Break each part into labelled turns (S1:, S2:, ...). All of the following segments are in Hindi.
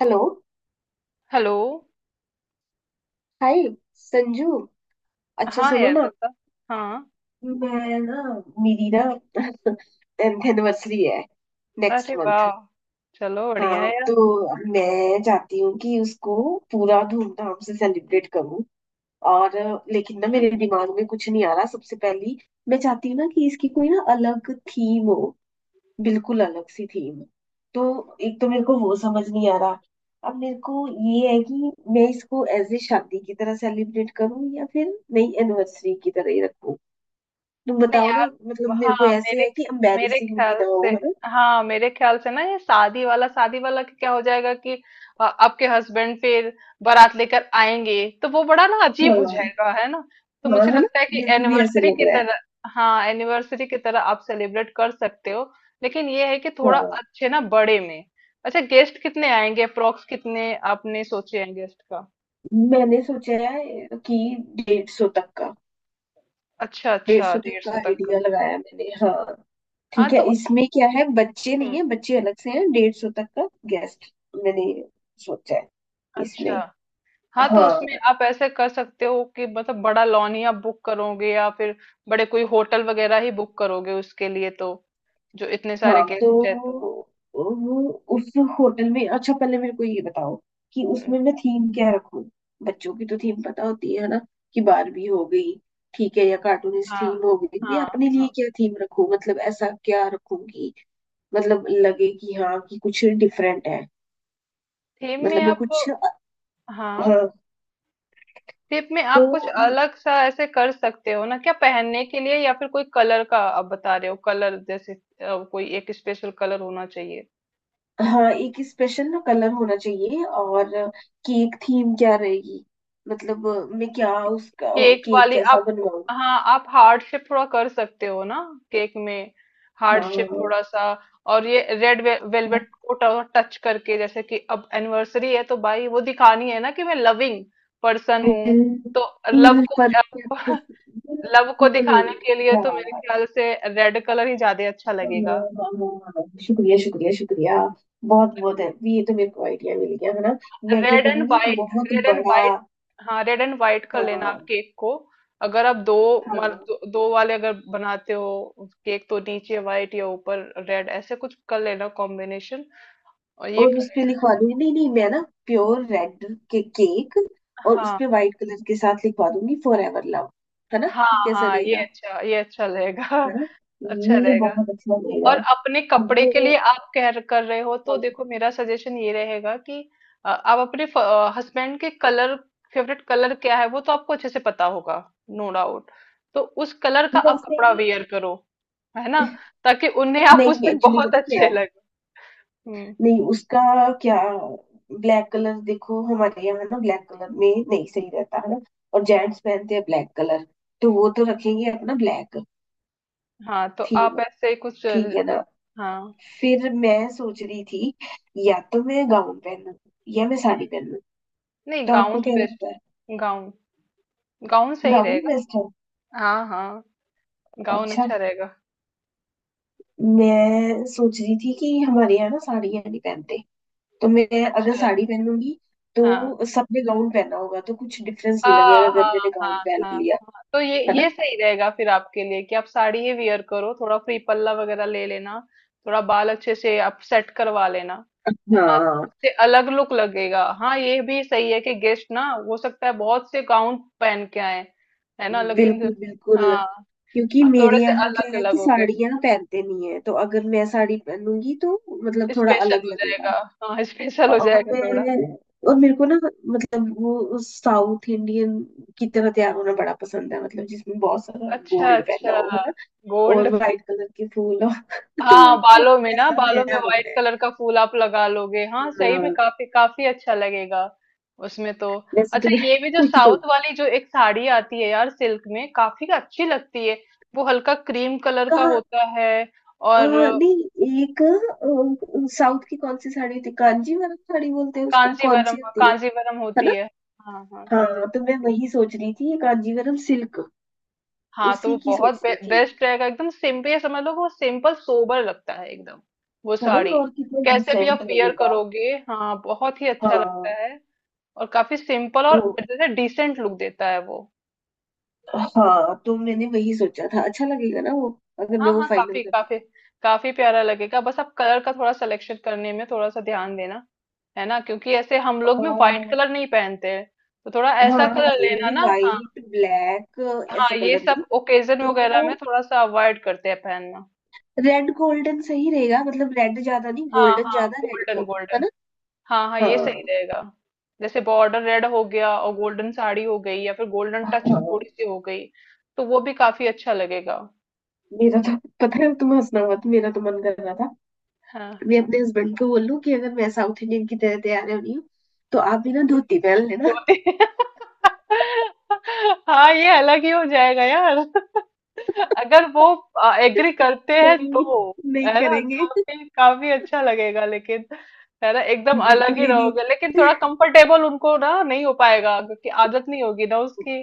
S1: हेलो।
S2: हेलो।
S1: हाय। संजू, अच्छा
S2: हाँ
S1: सुनो
S2: यार
S1: ना।
S2: बता। हाँ।
S1: मैं ना, मेरी ना टेंथ एनिवर्सरी है
S2: अरे
S1: नेक्स्ट
S2: वाह,
S1: मंथ।
S2: चलो बढ़िया
S1: हाँ
S2: है यार।
S1: तो मैं चाहती हूँ कि उसको पूरा धूमधाम से सेलिब्रेट करूँ। और लेकिन ना मेरे दिमाग में कुछ नहीं आ रहा। सबसे पहली मैं चाहती हूँ ना कि इसकी कोई ना अलग थीम हो, बिल्कुल अलग सी थीम। तो एक तो मेरे को वो समझ नहीं आ रहा। अब मेरे को ये है कि मैं इसको एज ए शादी की तरह सेलिब्रेट करूं या फिर नई एनिवर्सरी की तरह ही रखूं। तुम
S2: नहीं
S1: बताओ ना,
S2: यार।
S1: मतलब मेरे को
S2: हाँ,
S1: ऐसे है कि
S2: मेरे
S1: एम्बैरेसिंग भी
S2: ख्याल
S1: ना
S2: से,
S1: हो, है ना।
S2: हाँ मेरे ख्याल से ना, ये शादी वाला का क्या हो जाएगा कि आपके हस्बैंड फिर बारात लेकर आएंगे, तो वो बड़ा ना
S1: हाँ
S2: अजीब हो जाएगा
S1: हाँ,
S2: है ना। तो मुझे
S1: है ना,
S2: लगता है कि
S1: मेरे को भी ऐसे
S2: एनिवर्सरी
S1: लग
S2: की
S1: रहा है।
S2: तरह। हाँ, एनिवर्सरी की तरह आप सेलिब्रेट कर सकते हो, लेकिन ये है कि थोड़ा
S1: हाँ,
S2: अच्छे ना बड़े में। अच्छा, गेस्ट कितने आएंगे, अप्रोक्स कितने आपने सोचे हैं गेस्ट का?
S1: मैंने सोचा है कि 150 तक का।
S2: अच्छा,
S1: डेढ़
S2: अच्छा,
S1: सौ तक का
S2: 150 तक का।
S1: आइडिया लगाया मैंने, हाँ।
S2: हाँ,
S1: ठीक है,
S2: तो उस
S1: इसमें क्या है बच्चे नहीं
S2: हुँ,
S1: है, बच्चे अलग से हैं, 150 तक का गेस्ट मैंने सोचा है इसमें।
S2: अच्छा। हाँ, तो उसमें
S1: हाँ,
S2: आप ऐसे कर सकते हो कि मतलब बड़ा लॉन ही आप बुक करोगे या फिर बड़े कोई होटल वगैरह ही बुक करोगे उसके लिए, तो जो इतने सारे
S1: हाँ तो
S2: गेस्ट हैं तो।
S1: वो, उस होटल में। अच्छा पहले मेरे को ये बताओ कि
S2: हुँ,
S1: उसमें मैं थीम क्या रखूं। बच्चों की तो थीम पता होती है ना कि बारबी हो गई, ठीक है, या कार्टूनिस्ट
S2: हाँ,
S1: थीम हो गई। मैं
S2: हाँ,
S1: अपने लिए
S2: हाँ।
S1: क्या थीम रखूं? मतलब ऐसा क्या रखूंगी मतलब लगे कि हाँ कि कुछ डिफरेंट है।
S2: थीम में
S1: मतलब मैं
S2: आप,
S1: कुछ,
S2: हाँ,
S1: हाँ
S2: थीम में
S1: तो,
S2: आप कुछ अलग सा ऐसे कर सकते हो ना, क्या पहनने के लिए या फिर कोई कलर का आप बता रहे हो, कलर जैसे कोई एक स्पेशल कलर होना चाहिए।
S1: हाँ एक स्पेशल ना कलर होना चाहिए। और केक थीम क्या रहेगी, मतलब मैं क्या उसका
S2: केक
S1: केक
S2: वाली
S1: कैसा
S2: आप,
S1: बनवाऊँ?
S2: हाँ आप हार्ट शेप थोड़ा कर सकते हो ना, केक में हार्ट शेप
S1: हाँ,
S2: थोड़ा सा। और ये रेड वेलवेट को टच करके, जैसे कि अब एनिवर्सरी है तो भाई वो दिखानी है ना कि मैं लविंग पर्सन हूँ। तो लव
S1: बिल्कुल
S2: को
S1: परफेक्ट,
S2: लव को
S1: बिल्कुल।
S2: दिखाने के लिए तो मेरे
S1: यार,
S2: ख्याल से रेड कलर ही ज्यादा अच्छा
S1: हाँ,
S2: लगेगा।
S1: हाँ, हाँ, शुक्रिया शुक्रिया शुक्रिया। बहुत बहुत है ये, तो मेरे को आइडिया मिल गया, है ना। मैं क्या
S2: रेड एंड
S1: करूंगी, एक
S2: वाइट,
S1: बहुत
S2: रेड एंड
S1: बड़ा,
S2: वाइट, हाँ रेड एंड वाइट कर लेना आप
S1: हाँ,
S2: केक को। अगर आप दो,
S1: हाँ।
S2: दो, दो वाले अगर बनाते हो केक, तो नीचे वाइट या ऊपर रेड ऐसे कुछ कर लेना कॉम्बिनेशन। और ये
S1: और
S2: कर
S1: उस पे लिखवा दूंगी, नहीं नहीं मैं ना प्योर रेड के केक
S2: लेना।
S1: और उस
S2: हाँ
S1: पे व्हाइट कलर के साथ लिखवा दूंगी फॉर एवर लव, है ना।
S2: हाँ,
S1: ये कैसा
S2: हाँ ये
S1: रहेगा,
S2: अच्छा, ये अच्छा रहेगा।
S1: है ना?
S2: अच्छा
S1: ये
S2: रहेगा।
S1: बहुत अच्छा रहेगा।
S2: और अपने
S1: अब,
S2: कपड़े के लिए आप कह कर रहे हो तो
S1: हाँ,
S2: देखो मेरा सजेशन ये रहेगा कि आप अपने हस्बैंड के कलर, फेवरेट कलर क्या है वो तो आपको अच्छे से पता होगा, नो डाउट। तो उस कलर का आप
S1: वैसे,
S2: कपड़ा वेयर करो, है ना, ताकि उन्हें आप उस
S1: नहीं
S2: दिन
S1: एक्चुअली
S2: बहुत
S1: पता क्या
S2: अच्छे
S1: है?
S2: लगे। हम्म।
S1: नहीं उसका, क्या, ब्लैक कलर देखो हमारे यहाँ ना ब्लैक कलर में नहीं सही रहता है ना। और जेंट्स पहनते हैं ब्लैक कलर तो वो तो रखेंगे अपना ब्लैक
S2: हाँ तो आप
S1: थीम,
S2: ऐसे ही कुछ
S1: ठीक है ना।
S2: हाँ।
S1: फिर मैं सोच रही थी या तो मैं गाउन पहनूं या मैं साड़ी पहनूं।
S2: नहीं,
S1: तो
S2: गाउन
S1: आपको
S2: तो
S1: क्या
S2: बेस्ट
S1: लगता है?
S2: है। गाउन, गाउन सही
S1: गाउन
S2: रहेगा।
S1: बेस्ट है।
S2: हाँ हाँ, गाउन
S1: अच्छा,
S2: अच्छा रहेगा।
S1: मैं सोच रही थी कि हमारे यहाँ ना साड़ियाँ नहीं पहनते, तो मैं अगर
S2: अच्छा।
S1: साड़ी पहनूंगी
S2: हाँ।
S1: तो सबने गाउन पहना होगा तो कुछ डिफरेंस नहीं
S2: हाँ
S1: लगेगा अगर
S2: हाँ,
S1: मैंने गाउन
S2: हाँ
S1: पहन
S2: हाँ हाँ।
S1: लिया,
S2: तो
S1: है ना।
S2: ये सही रहेगा फिर आपके लिए कि आप साड़ी ही वियर करो, थोड़ा फ्री पल्ला वगैरह ले लेना, थोड़ा बाल अच्छे से आप सेट करवा लेना, है ना, तो
S1: हाँ,
S2: उससे अलग लुक लगेगा। हाँ, ये भी सही है कि गेस्ट ना हो सकता है बहुत से गाउन पहन के आए, है ना, लेकिन
S1: बिल्कुल बिल्कुल।
S2: हाँ
S1: क्योंकि
S2: आप थोड़े
S1: मेरे
S2: से
S1: यहाँ क्या
S2: अलग
S1: है
S2: अलग
S1: कि
S2: हो गए।
S1: साड़ियाँ पहनते नहीं है तो अगर मैं साड़ी पहनूंगी तो मतलब थोड़ा
S2: स्पेशल
S1: अलग
S2: हो
S1: लगेगा।
S2: जाएगा, हाँ स्पेशल हो
S1: और
S2: जाएगा थोड़ा।
S1: मैं और मेरे को ना मतलब वो उस साउथ इंडियन की तरह तैयार होना बड़ा पसंद है मतलब जिसमें बहुत सारा
S2: अच्छा
S1: गोल्ड पहना
S2: अच्छा,
S1: हो, है ना।
S2: गोल्ड।
S1: और वाइट कलर के फूल हो तो
S2: हाँ
S1: मेरे को
S2: बालों में ना,
S1: वैसा
S2: बालों में
S1: तैयार
S2: व्हाइट
S1: होना है।
S2: कलर का फूल आप लगा लोगे, हाँ सही में
S1: हाँ,
S2: काफी काफी अच्छा लगेगा उसमें तो।
S1: वैसे तो
S2: अच्छा,
S1: मैं
S2: ये भी जो
S1: वैसे-
S2: साउथ वाली जो एक साड़ी आती है यार, सिल्क में, काफी अच्छी लगती है, वो हल्का क्रीम कलर का
S1: कहाँ?
S2: होता है। और
S1: नहीं एक, साउथ की कौन सी साड़ी होती है, कांजीवरम साड़ी बोलते हैं उसको, कौन
S2: कांजीवरम,
S1: सी
S2: हाँ
S1: होती है
S2: कांजीवरम
S1: है
S2: होती
S1: ना?
S2: है, हाँ हाँ कांजी।
S1: हाँ तो मैं वही सोच रही थी ये कांजीवरम सिल्क,
S2: हाँ तो
S1: उसी
S2: वो
S1: की
S2: बहुत
S1: सोच रही थी,
S2: बेस्ट रहेगा, एकदम सिंपल, समझ लो कि वो सिंपल सोबर लगता है एकदम, वो
S1: है
S2: साड़ी।
S1: ना। और कितना
S2: कैसे भी
S1: डिसेंट
S2: आप वेयर
S1: लगेगा।
S2: करोगे, हाँ बहुत ही अच्छा लगता
S1: हाँ
S2: है, और काफी सिंपल
S1: तो,
S2: और जैसे डिसेंट लुक देता है वो।
S1: हाँ, तो मैंने वही सोचा था। अच्छा लगेगा ना वो? अगर मैं
S2: हाँ
S1: वो
S2: हाँ,
S1: फाइनल
S2: काफी
S1: कर दूँ
S2: काफी काफी प्यारा लगेगा। बस आप कलर का थोड़ा सिलेक्शन करने में थोड़ा सा ध्यान देना, है ना, क्योंकि ऐसे हम लोग में व्हाइट
S1: तो।
S2: कलर नहीं पहनते हैं। तो थोड़ा
S1: हाँ,
S2: ऐसा
S1: हाँ,
S2: कलर
S1: हमारे में
S2: लेना
S1: भी
S2: ना, हाँ।
S1: वाइट ब्लैक
S2: हाँ,
S1: ऐसे
S2: ये
S1: कलर
S2: सब
S1: नहीं।
S2: ओकेजन वगैरह में
S1: तो
S2: थोड़ा सा अवॉइड करते हैं पहनना।
S1: रेड गोल्डन सही रहेगा, मतलब रेड ज्यादा नहीं
S2: हाँ
S1: गोल्डन
S2: हाँ,
S1: ज्यादा रेड
S2: गोल्डन
S1: कम, है
S2: गोल्डन,
S1: ना।
S2: हाँ हाँ ये
S1: हाँ,
S2: सही रहेगा। जैसे बॉर्डर रेड हो गया और गोल्डन साड़ी हो गई या फिर गोल्डन टच
S1: हाँ।
S2: थोड़ी सी हो गई, तो वो भी काफी अच्छा लगेगा।
S1: मेरा तो, पता है तुम हंसना मत, मेरा तो मन कर रहा था
S2: हाँ।
S1: मैं अपने हस्बैंड को बोलूं कि अगर मैं साउथ इंडियन की तरह तैयार हो रही हूँ तो आप भी ना धोती पहन लेना।
S2: धोती हाँ ये अलग ही हो जाएगा यार अगर वो एग्री करते हैं
S1: नहीं
S2: तो।
S1: नहीं
S2: है ना
S1: करेंगे,
S2: काफी काफी अच्छा लगेगा, लेकिन है ना एकदम अलग
S1: बिल्कुल
S2: ही
S1: ही नहीं।
S2: रहोगे, लेकिन थोड़ा कंफर्टेबल उनको ना नहीं हो पाएगा, क्योंकि आदत नहीं होगी ना उसकी।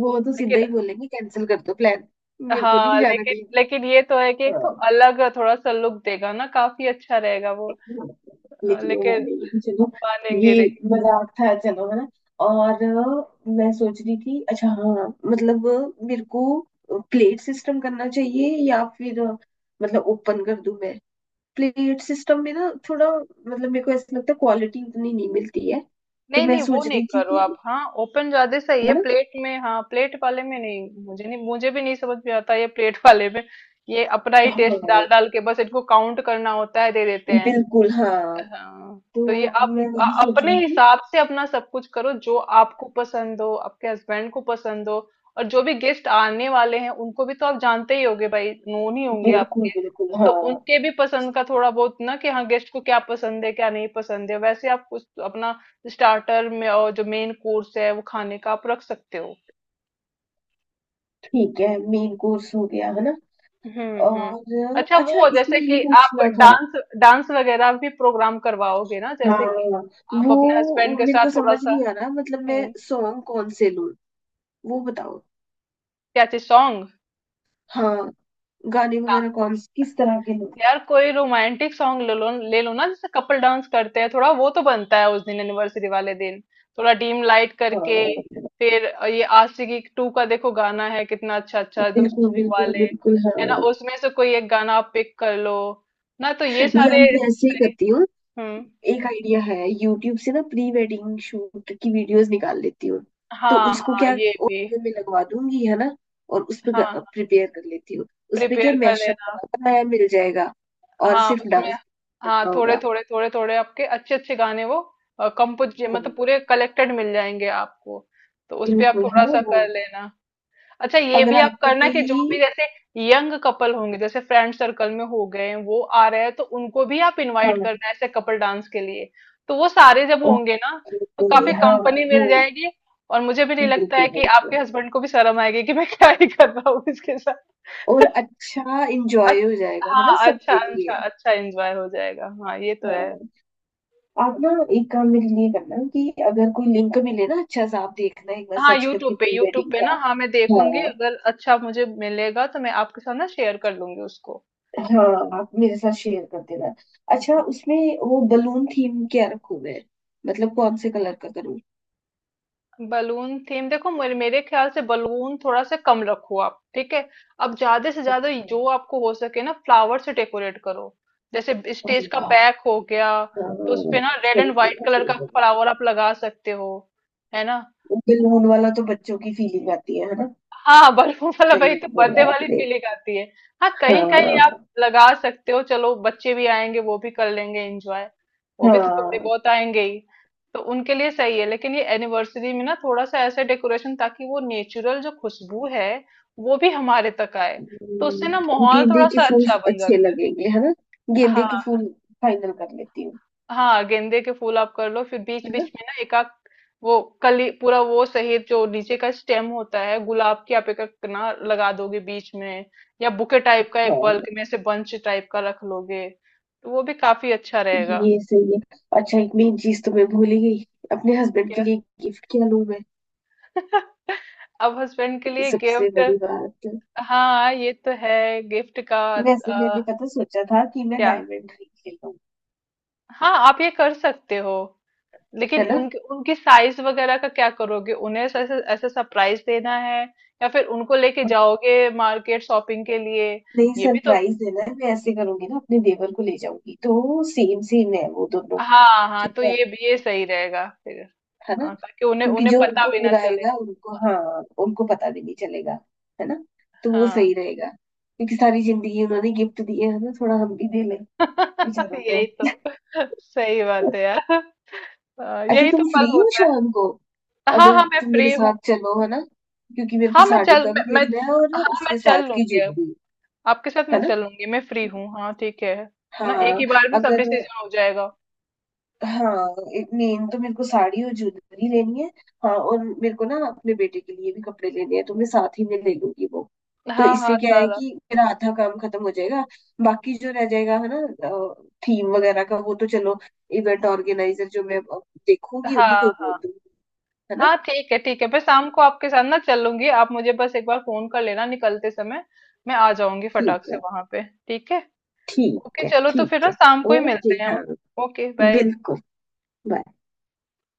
S1: वो तो सीधा
S2: लेकिन
S1: ही बोलेंगे कैंसिल कर दो प्लान, मेरे को नहीं
S2: हाँ,
S1: जाना
S2: लेकिन
S1: कहीं भी।
S2: लेकिन ये तो है कि एक तो
S1: हाँ,
S2: अलग थोड़ा सा लुक देगा ना, काफी अच्छा रहेगा वो।
S1: लेकिन वो
S2: लेकिन
S1: वाले लेकिन, चलो ये
S2: मानेंगे नहीं।
S1: मजाक था, चलो है ना। और मैं सोच रही थी, अच्छा हाँ मतलब मेरे को प्लेट सिस्टम करना चाहिए या फिर मतलब ओपन कर दूं मैं। प्लेट सिस्टम में ना थोड़ा मतलब मेरे को ऐसा लगता है क्वालिटी उतनी नहीं मिलती है। तो
S2: नहीं
S1: मैं
S2: नहीं, वो
S1: सोच
S2: नहीं
S1: रही थी
S2: करो आप।
S1: कि,
S2: हाँ ओपन ज्यादा सही है,
S1: है ना।
S2: प्लेट में हाँ प्लेट वाले में नहीं, मुझे नहीं, मुझे भी नहीं समझ में आता ये प्लेट वाले में। ये अपना ही
S1: हाँ
S2: टेस्ट डाल डाल के बस इनको काउंट करना होता है, दे देते हैं।
S1: बिल्कुल, हाँ
S2: हाँ।
S1: तो
S2: तो ये आप
S1: मैं वही सोच
S2: अपने
S1: रही थी।
S2: हिसाब से अपना सब कुछ करो जो आपको पसंद हो, आपके हस्बैंड को पसंद हो। और जो भी गेस्ट आने वाले हैं उनको भी तो आप जानते ही होगे, भाई नोन ही होंगे।
S1: बिल्कुल बिल्कुल
S2: तो
S1: हाँ।
S2: उनके भी पसंद का थोड़ा बहुत ना, कि हाँ गेस्ट को क्या पसंद है क्या नहीं पसंद है, वैसे आप कुछ अपना स्टार्टर में और जो मेन कोर्स है वो खाने का आप रख सकते हो।
S1: ठीक है, मेन कोर्स हो गया है ना।
S2: हम्म।
S1: और
S2: अच्छा,
S1: अच्छा
S2: वो
S1: इसमें
S2: जैसे
S1: ये
S2: कि आप
S1: पूछना था।
S2: डांस, डांस वगैरह भी प्रोग्राम करवाओगे ना,
S1: हाँ,
S2: जैसे कि आप अपने हस्बैंड
S1: वो
S2: के
S1: मेरे को
S2: साथ थोड़ा
S1: समझ
S2: सा।
S1: नहीं आ रहा मतलब मैं
S2: हम्म,
S1: सॉन्ग कौन से लूं, वो बताओ।
S2: क्या चीज सॉन्ग?
S1: हाँ, गाने वगैरह कौन से किस तरह के लूं?
S2: यार कोई रोमांटिक सॉन्ग ले लो, ले लो ना, जैसे कपल डांस करते हैं थोड़ा, वो तो बनता है उस दिन एनिवर्सरी वाले दिन, थोड़ा डीम लाइट करके।
S1: हाँ,
S2: फिर ये आशिकी टू का देखो गाना है कितना अच्छा अच्छा, एकदम
S1: बिल्कुल
S2: स्लो
S1: बिल्कुल
S2: वाले
S1: बिल्कुल,
S2: है
S1: हाँ।
S2: ना, उसमें से कोई एक गाना आप पिक कर लो ना। तो ये
S1: या
S2: सारे
S1: मैं ऐसे ही
S2: सही।
S1: करती हूँ,
S2: हम्म।
S1: एक आइडिया है, यूट्यूब से ना प्री वेडिंग शूट की वीडियोस निकाल लेती हूँ तो
S2: हाँ
S1: उसको
S2: हाँ
S1: क्या
S2: ये भी।
S1: ऑडियो में लगवा दूंगी, है ना। और उस पे
S2: हाँ
S1: प्रिपेयर कर लेती हूँ, उसपे क्या
S2: प्रिपेयर कर
S1: मैशअप
S2: लेना,
S1: बनाना नया मिल जाएगा और
S2: हाँ
S1: सिर्फ
S2: उसमें,
S1: डांस
S2: हाँ
S1: करना
S2: थोड़े
S1: होगा।
S2: थोड़े थोड़े थोड़े आपके अच्छे अच्छे गाने, वो कंपोज
S1: हाँ
S2: मतलब पूरे कलेक्टेड मिल जाएंगे आपको, तो उस पे आप
S1: बिल्कुल, है
S2: थोड़ा
S1: ना
S2: सा
S1: वो।
S2: कर लेना। अच्छा, ये
S1: अगर
S2: भी आप
S1: आपको
S2: करना कि जो भी
S1: कोई,
S2: जैसे यंग कपल होंगे जैसे फ्रेंड सर्कल में हो गए हैं, वो आ रहे हैं, तो उनको भी आप
S1: हाँ,
S2: इनवाइट करना ऐसे कपल डांस के लिए। तो वो सारे जब होंगे ना, तो
S1: ओके
S2: काफी
S1: हाँ,
S2: कंपनी
S1: वो,
S2: मिल जाएगी। और मुझे भी नहीं लगता
S1: बिल्कुल
S2: है कि आपके
S1: बिल्कुल,
S2: हस्बैंड को भी शर्म आएगी कि मैं क्या ही कर रहा हूँ इसके साथ।
S1: और अच्छा
S2: अच
S1: इंजॉय हो जाएगा है ना
S2: हाँ, अच्छा
S1: सबके
S2: अच्छा
S1: लिए।
S2: अच्छा एन्जॉय हो जाएगा। हाँ, ये तो है।
S1: हाँ, आप ना एक काम मेरे लिए करना कि अगर कोई लिंक मिले ना अच्छा सा आप देखना एक बार
S2: हाँ,
S1: सर्च
S2: यूट्यूब
S1: करके
S2: पे
S1: प्री
S2: यूट्यूब
S1: वेडिंग
S2: पे ना,
S1: का।
S2: हाँ, मैं
S1: हाँ,
S2: देखूँगी अगर अच्छा मुझे मिलेगा तो मैं आपके साथ ना शेयर कर लूँगी उसको।
S1: हाँ आप मेरे साथ शेयर कर देना। अच्छा
S2: हुँ।
S1: उसमें वो बलून थीम क्या रखूं मैं, मतलब कौन से कलर का करूँ?
S2: बलून थीम देखो, मेरे मेरे ख्याल से बलून थोड़ा-सा कम रखो आप, ठीक है? अब ज़्यादा से ज़्यादा
S1: अच्छा,
S2: जो आपको हो सके ना फ्लावर से डेकोरेट करो। जैसे ब स्टेज
S1: अरे
S2: का
S1: वाह,
S2: बैक हो गया,
S1: हाँ,
S2: तो उसपे ना रेड
S1: सही
S2: एंड व्हाइट
S1: बोला
S2: कलर
S1: सही
S2: का
S1: बोला।
S2: फ्लावर आप लगा सकते हो। है ना?
S1: बलून वाला तो बच्चों की फीलिंग आती है ना।
S2: हाँ बलून वाला वही,
S1: सही
S2: तो बर्थडे
S1: बोला
S2: वाली
S1: आपने।
S2: फीलिंग आती है। हाँ कहीं कहीं आप
S1: हाँ,
S2: लगा सकते हो, चलो बच्चे भी आएंगे वो भी कर लेंगे एंजॉय, वो भी तो थोड़े
S1: हाँ,
S2: बहुत आएंगे ही, तो उनके लिए सही है। लेकिन ये एनिवर्सरी में ना थोड़ा सा ऐसे डेकोरेशन, ताकि वो नेचुरल जो खुशबू है वो भी हमारे तक आए, तो उससे ना माहौल
S1: गेंदे
S2: थोड़ा
S1: के
S2: सा
S1: फूल
S2: अच्छा बन
S1: अच्छे
S2: जाता है।
S1: लगेंगे है ना, गेंदे के
S2: हाँ।
S1: फूल फाइनल कर लेती हूँ।
S2: हाँ गेंदे के फूल आप कर लो, फिर बीच
S1: है ना।
S2: बीच में ना एक आध वो कली पूरा वो सहित जो नीचे का स्टेम होता है गुलाब की, आप एक एक ना लगा दोगे बीच में, या बुके टाइप का एक बल्क
S1: हाँ,
S2: में से बंच टाइप का रख लोगे, तो वो भी काफी अच्छा रहेगा।
S1: ये सही है। अच्छा एक मेन चीज तो मैं भूल ही गई, अपने हस्बैंड के
S2: क्या?
S1: लिए गिफ्ट क्या लूं मैं?
S2: अब हस्बैंड के
S1: ये
S2: लिए
S1: सबसे
S2: गिफ्ट,
S1: बड़ी बात है।
S2: हाँ ये तो है। गिफ्ट का
S1: वैसे मैंने पता सोचा था कि मैं
S2: क्या?
S1: डायमंड रिंग ले लूं।
S2: हाँ आप ये कर सकते हो, लेकिन
S1: है ना,
S2: उनके उनकी साइज वगैरह का क्या करोगे, उन्हें ऐसे ऐसे सरप्राइज देना है, या फिर उनको लेके
S1: और,
S2: जाओगे मार्केट शॉपिंग के लिए?
S1: नहीं
S2: ये भी तो,
S1: सरप्राइज देना है, मैं ऐसे करूंगी ना अपने देवर को ले जाऊंगी तो सेम सेम है वो दोनों।
S2: हाँ हाँ
S1: ठीक
S2: तो
S1: है
S2: ये भी ये सही रहेगा फिर।
S1: है ना,
S2: हाँ, ताकि उन्हें
S1: क्योंकि
S2: उन्हें
S1: जो
S2: पता
S1: उनको
S2: भी ना चले।
S1: बुलाएगा उनको, हाँ उनको पता भी नहीं चलेगा, है ना। तो वो
S2: हाँ
S1: सही रहेगा क्योंकि सारी जिंदगी उन्होंने गिफ्ट दिए है ना, थोड़ा हम भी दे लें बेचारों को।
S2: यही तो सही बात है यार। हाँ,
S1: अच्छा
S2: यही तो
S1: तुम
S2: पल
S1: फ्री हो
S2: होता है।
S1: शाम को,
S2: हाँ
S1: अगर
S2: हाँ मैं
S1: तुम मेरे
S2: फ्री हूँ।
S1: साथ चलो है ना, क्योंकि मेरे को
S2: हाँ मैं
S1: साड़ी
S2: चल,
S1: का भी
S2: मैं,
S1: देखना है और
S2: हाँ मैं
S1: उसके
S2: चल
S1: साथ की
S2: लूंगी, अब
S1: ज्वेलरी।
S2: आपके साथ मैं
S1: है ना,
S2: चल लूंगी, मैं फ्री हूँ, हाँ ठीक है ना, एक
S1: हाँ,
S2: ही बार में सब
S1: अगर,
S2: डिसीजन हो जाएगा।
S1: हाँ मेन तो मेरे को साड़ी और ज्वेलरी लेनी है, हाँ और मेरे को ना अपने बेटे के लिए भी कपड़े लेने हैं तो मैं साथ ही में ले लूंगी वो। तो
S2: हाँ, हाँ,
S1: इससे क्या है
S2: सारा।
S1: कि मेरा आधा काम खत्म हो जाएगा, बाकी जो रह जाएगा है ना थीम वगैरह का, वो तो चलो इवेंट ऑर्गेनाइजर जो मैं देखूंगी उन्हीं
S2: हाँ,
S1: को बोल
S2: हाँ।
S1: दूंगी। है ना,
S2: हाँ, ठीक है, ठीक है। मैं शाम को आपके साथ ना चलूंगी। आप मुझे बस एक बार फोन कर लेना निकलते समय। मैं आ जाऊंगी फटाक
S1: ठीक
S2: से
S1: है,
S2: वहां पे। ठीक है? ओके,
S1: ठीक है
S2: चलो तो फिर
S1: ठीक
S2: ना
S1: है।
S2: शाम को ही
S1: ओके
S2: मिलते हैं हम।
S1: हाँ,
S2: ओके, बाय।
S1: बिल्कुल, बाय।